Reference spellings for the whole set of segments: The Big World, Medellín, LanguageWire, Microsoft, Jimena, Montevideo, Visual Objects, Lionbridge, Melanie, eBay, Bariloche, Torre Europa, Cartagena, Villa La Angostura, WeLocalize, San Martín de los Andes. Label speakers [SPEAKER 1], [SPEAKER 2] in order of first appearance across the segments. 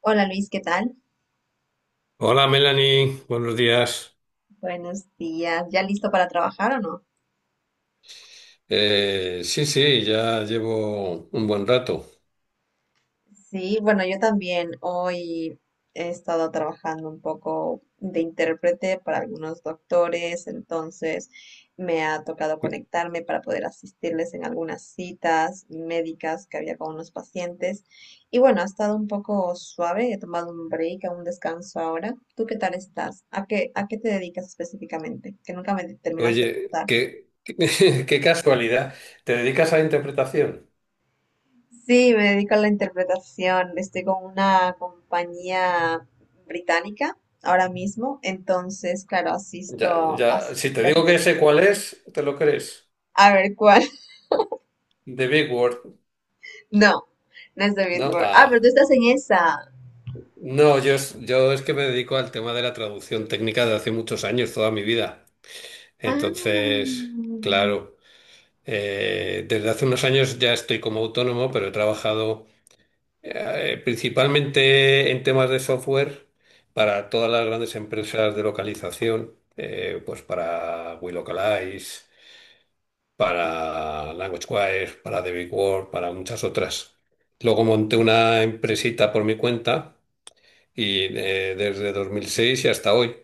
[SPEAKER 1] Hola Luis, ¿qué tal?
[SPEAKER 2] Hola Melanie, buenos días.
[SPEAKER 1] Buenos días. ¿Ya listo para trabajar o no?
[SPEAKER 2] Sí, sí, ya llevo un buen rato.
[SPEAKER 1] Sí, bueno, yo también hoy he estado trabajando un poco de intérprete para algunos doctores, entonces me ha tocado conectarme para poder asistirles en algunas citas médicas que había con unos pacientes. Y bueno, ha estado un poco suave, he tomado un break, un descanso ahora. ¿Tú qué tal estás? ¿A qué te dedicas específicamente? Que nunca me terminaste de
[SPEAKER 2] Oye,
[SPEAKER 1] contar.
[SPEAKER 2] qué casualidad. ¿Te dedicas a la interpretación?
[SPEAKER 1] Sí, me dedico a la interpretación. Estoy con una compañía británica ahora mismo, entonces, claro,
[SPEAKER 2] Ya,
[SPEAKER 1] asisto a
[SPEAKER 2] ya, si te
[SPEAKER 1] citas
[SPEAKER 2] digo que
[SPEAKER 1] médicas.
[SPEAKER 2] sé cuál es, ¿te lo crees?
[SPEAKER 1] A ver cuál.
[SPEAKER 2] The Big Word,
[SPEAKER 1] No, no es de
[SPEAKER 2] ¿no?
[SPEAKER 1] Billboard. Ah, pero
[SPEAKER 2] Ah.
[SPEAKER 1] tú estás en esa.
[SPEAKER 2] No, yo, yo es que me dedico al tema de la traducción técnica de hace muchos años, toda mi vida. Entonces,
[SPEAKER 1] Ah.
[SPEAKER 2] claro, desde hace unos años ya estoy como autónomo, pero he trabajado principalmente en temas de software para todas las grandes empresas de localización, pues para WeLocalize, para LanguageWire, para The Big World, para muchas otras. Luego monté una empresita por mi cuenta y desde 2006 y hasta hoy.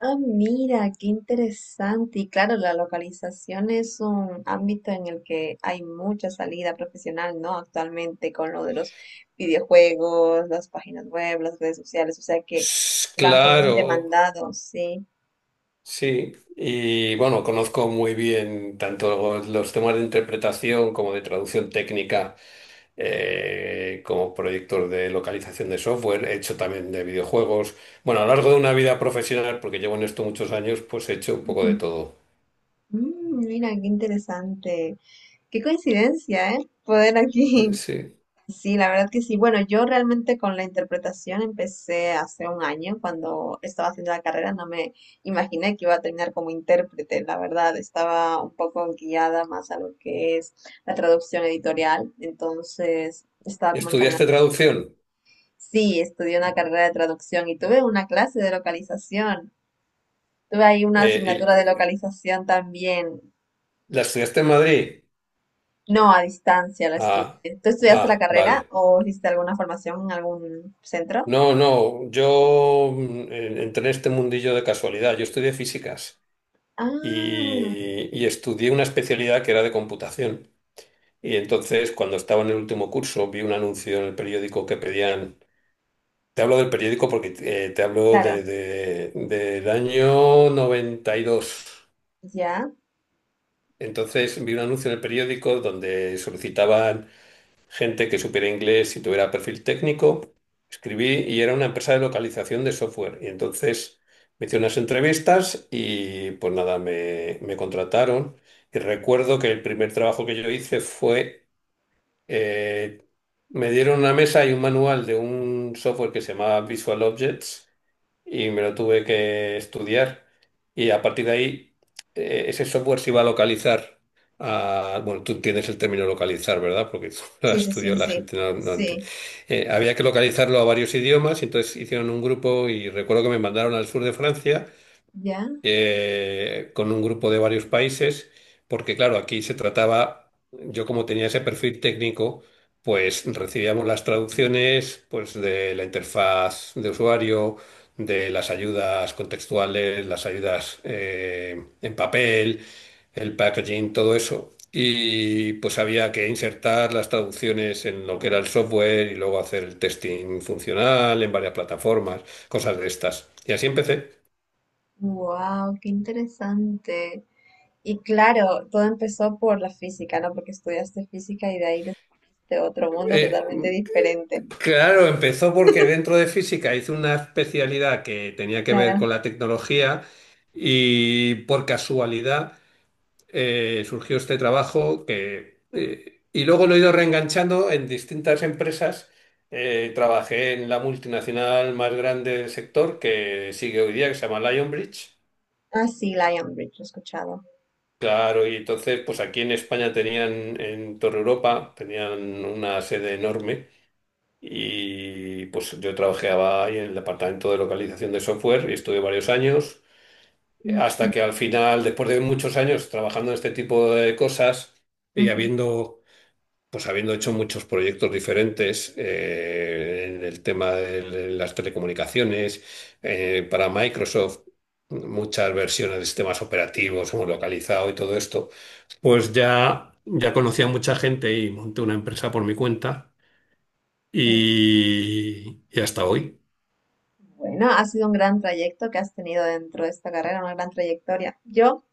[SPEAKER 1] Ah, mira, qué interesante. Y claro, la localización es un ámbito en el que hay mucha salida profesional, ¿no? Actualmente con lo de los videojuegos, las páginas web, las redes sociales, o sea que un campo muy
[SPEAKER 2] Claro,
[SPEAKER 1] demandado, sí.
[SPEAKER 2] sí. Y bueno, conozco muy bien tanto los temas de interpretación como de traducción técnica como proyectos de localización de software, he hecho también de videojuegos. Bueno, a lo largo de una vida profesional, porque llevo en esto muchos años, pues he hecho un poco de
[SPEAKER 1] Ujú.
[SPEAKER 2] todo.
[SPEAKER 1] Mm, mira, qué interesante. Qué coincidencia, ¿eh? Poder aquí.
[SPEAKER 2] Sí.
[SPEAKER 1] Sí, la verdad que sí. Bueno, yo realmente con la interpretación empecé hace un año cuando estaba haciendo la carrera. No me imaginé que iba a terminar como intérprete. La verdad, estaba un poco guiada más a lo que es la traducción editorial. Entonces, estaba como encaminada.
[SPEAKER 2] ¿Estudiaste traducción?
[SPEAKER 1] Sí, estudié una carrera de traducción y tuve una clase de localización. Tuve ahí una
[SPEAKER 2] Eh,
[SPEAKER 1] asignatura de
[SPEAKER 2] y-
[SPEAKER 1] localización también.
[SPEAKER 2] ¿La estudiaste en Madrid?
[SPEAKER 1] No, a distancia la
[SPEAKER 2] Ah,
[SPEAKER 1] estudié. ¿Tú estudiaste la
[SPEAKER 2] ah,
[SPEAKER 1] carrera
[SPEAKER 2] vale.
[SPEAKER 1] o hiciste alguna formación en algún centro?
[SPEAKER 2] No, no, yo entré en este mundillo de casualidad. Yo estudié físicas
[SPEAKER 1] Ah,
[SPEAKER 2] y estudié una especialidad que era de computación. Y entonces, cuando estaba en el último curso, vi un anuncio en el periódico que pedían. Te hablo del periódico porque te hablo
[SPEAKER 1] claro,
[SPEAKER 2] del año 92.
[SPEAKER 1] ya.
[SPEAKER 2] Entonces vi un anuncio en el periódico donde solicitaban gente que supiera inglés y tuviera perfil técnico. Escribí y era una empresa de localización de software. Y entonces me hice unas entrevistas y pues nada, me contrataron. Y recuerdo que el primer trabajo que yo hice fue, eh, me dieron una mesa y un manual de un software que se llamaba Visual Objects y me lo tuve que estudiar. Y a partir de ahí, ese software se iba a localizar. Bueno, tú entiendes el término localizar, ¿verdad? Porque tú lo
[SPEAKER 1] Sí,
[SPEAKER 2] has
[SPEAKER 1] sí, sí,
[SPEAKER 2] estudiado,
[SPEAKER 1] sí,
[SPEAKER 2] la
[SPEAKER 1] sí.
[SPEAKER 2] gente no entiende.
[SPEAKER 1] Sí,
[SPEAKER 2] Había que localizarlo a varios idiomas, y entonces hicieron un grupo y recuerdo que me mandaron al sur de Francia
[SPEAKER 1] ya.
[SPEAKER 2] con un grupo de varios países, porque claro, aquí se trataba, yo como tenía ese perfil técnico, pues recibíamos las traducciones pues de la interfaz de usuario, de las ayudas contextuales, las ayudas en papel, el packaging, todo eso. Y pues había que insertar las traducciones en lo que era el software y luego hacer el testing funcional en varias plataformas, cosas de estas. Y así empecé.
[SPEAKER 1] Wow, qué interesante. Y claro, todo empezó por la física, ¿no? Porque estudiaste física y de ahí descubriste otro mundo
[SPEAKER 2] Eh,
[SPEAKER 1] totalmente diferente.
[SPEAKER 2] claro, empezó porque dentro de física hice una especialidad que tenía que ver
[SPEAKER 1] Claro.
[SPEAKER 2] con la tecnología y por casualidad surgió este trabajo que, y luego lo he ido reenganchando en distintas empresas. Trabajé en la multinacional más grande del sector que sigue hoy día, que se llama Lionbridge.
[SPEAKER 1] Ah, sí, Lion Bridge, lo he escuchado.
[SPEAKER 2] Claro, y entonces, pues aquí en España tenían, en Torre Europa, tenían una sede enorme. Y pues yo trabajaba ahí en el departamento de localización de software y estuve varios años,
[SPEAKER 1] Ujú,
[SPEAKER 2] hasta que al final, después de muchos años trabajando en este tipo de cosas y pues habiendo hecho muchos proyectos diferentes en el tema de las telecomunicaciones, para Microsoft, muchas versiones de sistemas operativos, hemos localizado y todo esto, pues ya, ya conocía a mucha gente y monté una empresa por mi cuenta.
[SPEAKER 1] ujú.
[SPEAKER 2] Y hasta hoy.
[SPEAKER 1] Bueno, ha sido un gran trayecto que has tenido dentro de esta carrera, una gran trayectoria. Yo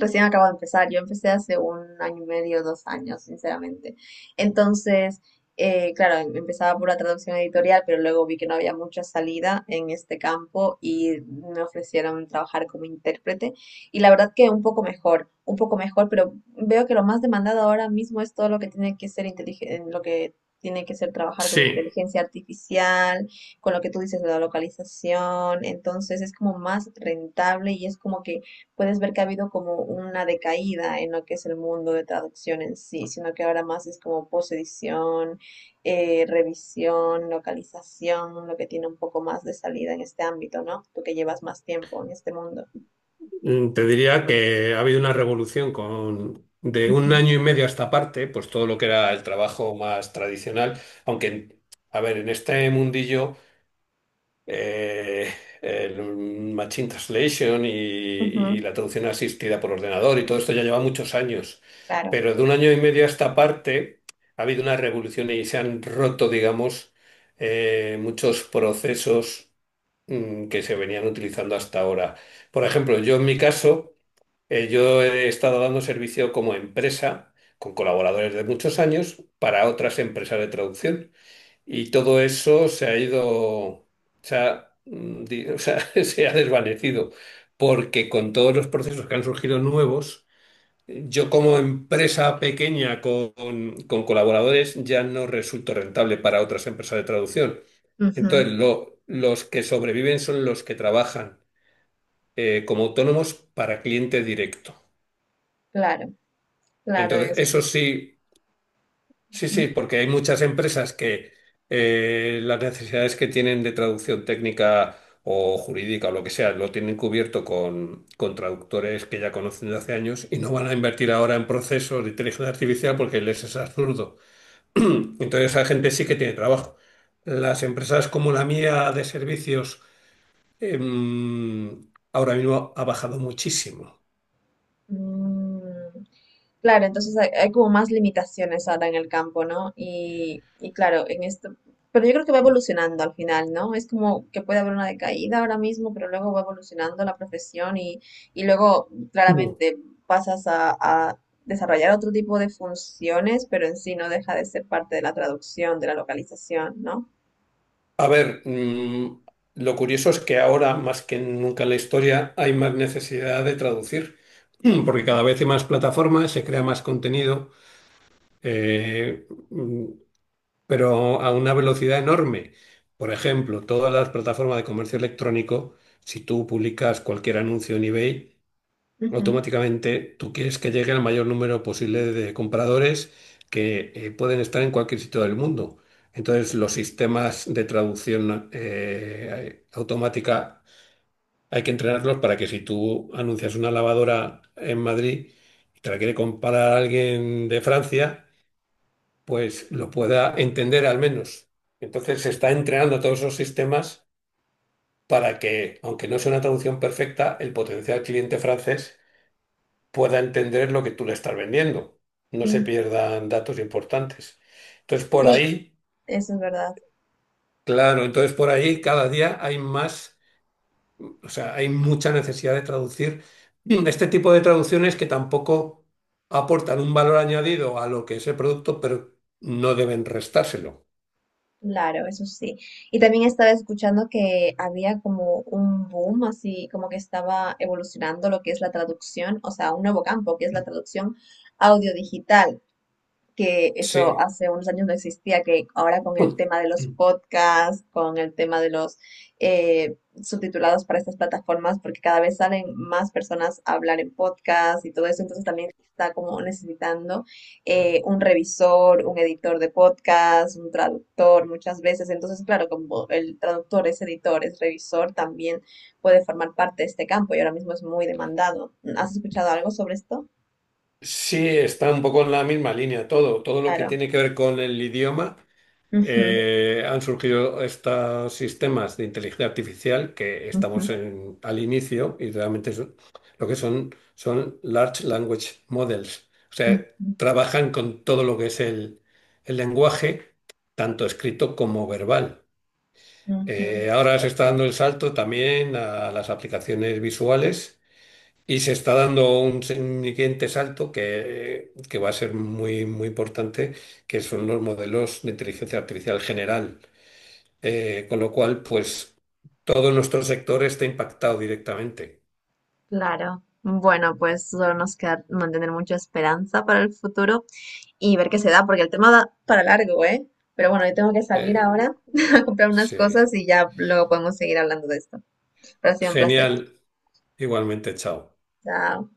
[SPEAKER 1] recién acabo de empezar. Yo empecé hace un año y medio, dos años, sinceramente. Entonces, claro, empezaba por la traducción editorial, pero luego vi que no había mucha salida en este campo y me ofrecieron trabajar como intérprete. Y la verdad que un poco mejor, pero veo que lo más demandado ahora mismo es todo lo que tiene que ser inteligente, lo que tiene que ser trabajar con
[SPEAKER 2] Sí,
[SPEAKER 1] inteligencia artificial, con lo que tú dices de la localización. Entonces, es como más rentable y es como que puedes ver que ha habido como una decaída en lo que es el mundo de traducción en sí, sino que ahora más es como posedición, revisión, localización, lo que tiene un poco más de salida en este ámbito, ¿no? Tú que llevas más tiempo en este mundo.
[SPEAKER 2] te diría que ha habido una revolución con de
[SPEAKER 1] Ujú,
[SPEAKER 2] un año y medio a esta parte, pues todo lo que era el trabajo más tradicional, aunque, a ver, en este mundillo eh, el machine translation y
[SPEAKER 1] ujú,
[SPEAKER 2] la traducción asistida por ordenador y todo esto ya lleva muchos años,
[SPEAKER 1] claro,
[SPEAKER 2] pero de un año y medio a esta parte ha habido una revolución y se han roto, digamos, muchos procesos que se venían utilizando hasta ahora. Por ejemplo, yo en mi caso, yo he estado dando servicio como empresa con colaboradores de muchos años para otras empresas de traducción y todo eso se ha ido, se ha, mm, di- o sea, se ha desvanecido porque con todos los procesos que han surgido nuevos, yo como empresa pequeña con colaboradores ya no resulto rentable para otras empresas de traducción.
[SPEAKER 1] ujú,
[SPEAKER 2] Entonces, los que sobreviven son los que trabajan como autónomos para cliente directo.
[SPEAKER 1] claro, claro,
[SPEAKER 2] Entonces,
[SPEAKER 1] eso.
[SPEAKER 2] eso sí, sí,
[SPEAKER 1] Ujú.
[SPEAKER 2] sí, porque hay muchas empresas que las necesidades que tienen de traducción técnica o jurídica o lo que sea, lo tienen cubierto con traductores que ya conocen de hace años y no van a invertir ahora en procesos de inteligencia artificial porque les es absurdo. Entonces, esa gente sí que tiene trabajo. Las empresas como la mía de servicios em, ahora mismo ha bajado muchísimo.
[SPEAKER 1] Mm, claro, entonces hay como más limitaciones ahora en el campo, ¿no? Y claro, en esto, pero yo creo que va evolucionando al final, ¿no? Es como que puede haber una decaída ahora mismo, pero luego va evolucionando la profesión y luego
[SPEAKER 2] Ujú.
[SPEAKER 1] claramente pasas a desarrollar otro tipo de funciones, pero en sí no deja de ser parte de la traducción, de la localización, ¿no?
[SPEAKER 2] A ver, lo curioso es que ahora, más que nunca en la historia, hay más necesidad de traducir, porque cada vez hay más plataformas, se crea más contenido, eh, mm, pero a una velocidad enorme. Por ejemplo, todas las plataformas de comercio electrónico, si tú publicas cualquier anuncio en eBay,
[SPEAKER 1] Ujú,
[SPEAKER 2] automáticamente tú quieres que llegue al mayor número posible de compradores que pueden estar en cualquier sitio del mundo. Entonces, los sistemas de traducción automática hay que entrenarlos para que si tú anuncias una lavadora en Madrid y te la quiere comprar alguien de Francia, pues lo pueda entender al menos. Entonces, se está entrenando todos esos sistemas para que, aunque no sea una traducción perfecta, el potencial cliente francés pueda entender lo que tú le estás vendiendo, no se
[SPEAKER 1] mm,
[SPEAKER 2] pierdan datos importantes. Entonces, por
[SPEAKER 1] sí,
[SPEAKER 2] ahí,
[SPEAKER 1] eso es verdad.
[SPEAKER 2] claro, entonces por ahí cada día hay más, o sea, hay mucha necesidad de traducir este tipo de traducciones que tampoco aportan un valor añadido a lo que es el producto, pero no deben restárselo.
[SPEAKER 1] Claro, eso sí. Y también estaba escuchando que había como un boom, así como que estaba evolucionando lo que es la traducción, o sea, un nuevo campo que es la traducción audiodigital, que eso
[SPEAKER 2] Sí.
[SPEAKER 1] hace unos años no existía, que ahora con el tema de los podcasts, con el tema de los eh, subtitulados para estas plataformas, porque cada vez salen más personas a hablar en podcast y todo eso, entonces también está como necesitando un revisor, un editor de podcast, un traductor muchas veces, entonces claro, como el traductor es editor, es revisor, también puede formar parte de este campo y ahora mismo es muy demandado. ¿Has escuchado algo sobre esto?
[SPEAKER 2] Sí, está un poco en la misma línea todo, todo lo que
[SPEAKER 1] Claro.
[SPEAKER 2] tiene que ver con el idioma
[SPEAKER 1] Ujú,
[SPEAKER 2] han surgido estos sistemas de inteligencia artificial que estamos
[SPEAKER 1] ujú,
[SPEAKER 2] al inicio y realmente lo que son son large language models. O sea,
[SPEAKER 1] ujú.
[SPEAKER 2] trabajan con todo lo que es el lenguaje, tanto escrito como verbal.
[SPEAKER 1] Ujú,
[SPEAKER 2] Ahora se está dando el salto también a las aplicaciones visuales. Y se está dando un un siguiente salto que va a ser muy importante, que son los modelos de inteligencia artificial general. Con lo cual, pues todo nuestro sector está impactado directamente.
[SPEAKER 1] claro. Bueno, pues solo nos queda mantener mucha esperanza para el futuro y ver qué se da, porque el tema da para largo, ¿eh? Pero bueno, yo tengo que salir
[SPEAKER 2] Eh,
[SPEAKER 1] ahora a comprar unas
[SPEAKER 2] sí.
[SPEAKER 1] cosas y ya luego podemos seguir hablando de esto. Pero ha sido un placer.
[SPEAKER 2] Genial. Igualmente, chao.
[SPEAKER 1] Chao.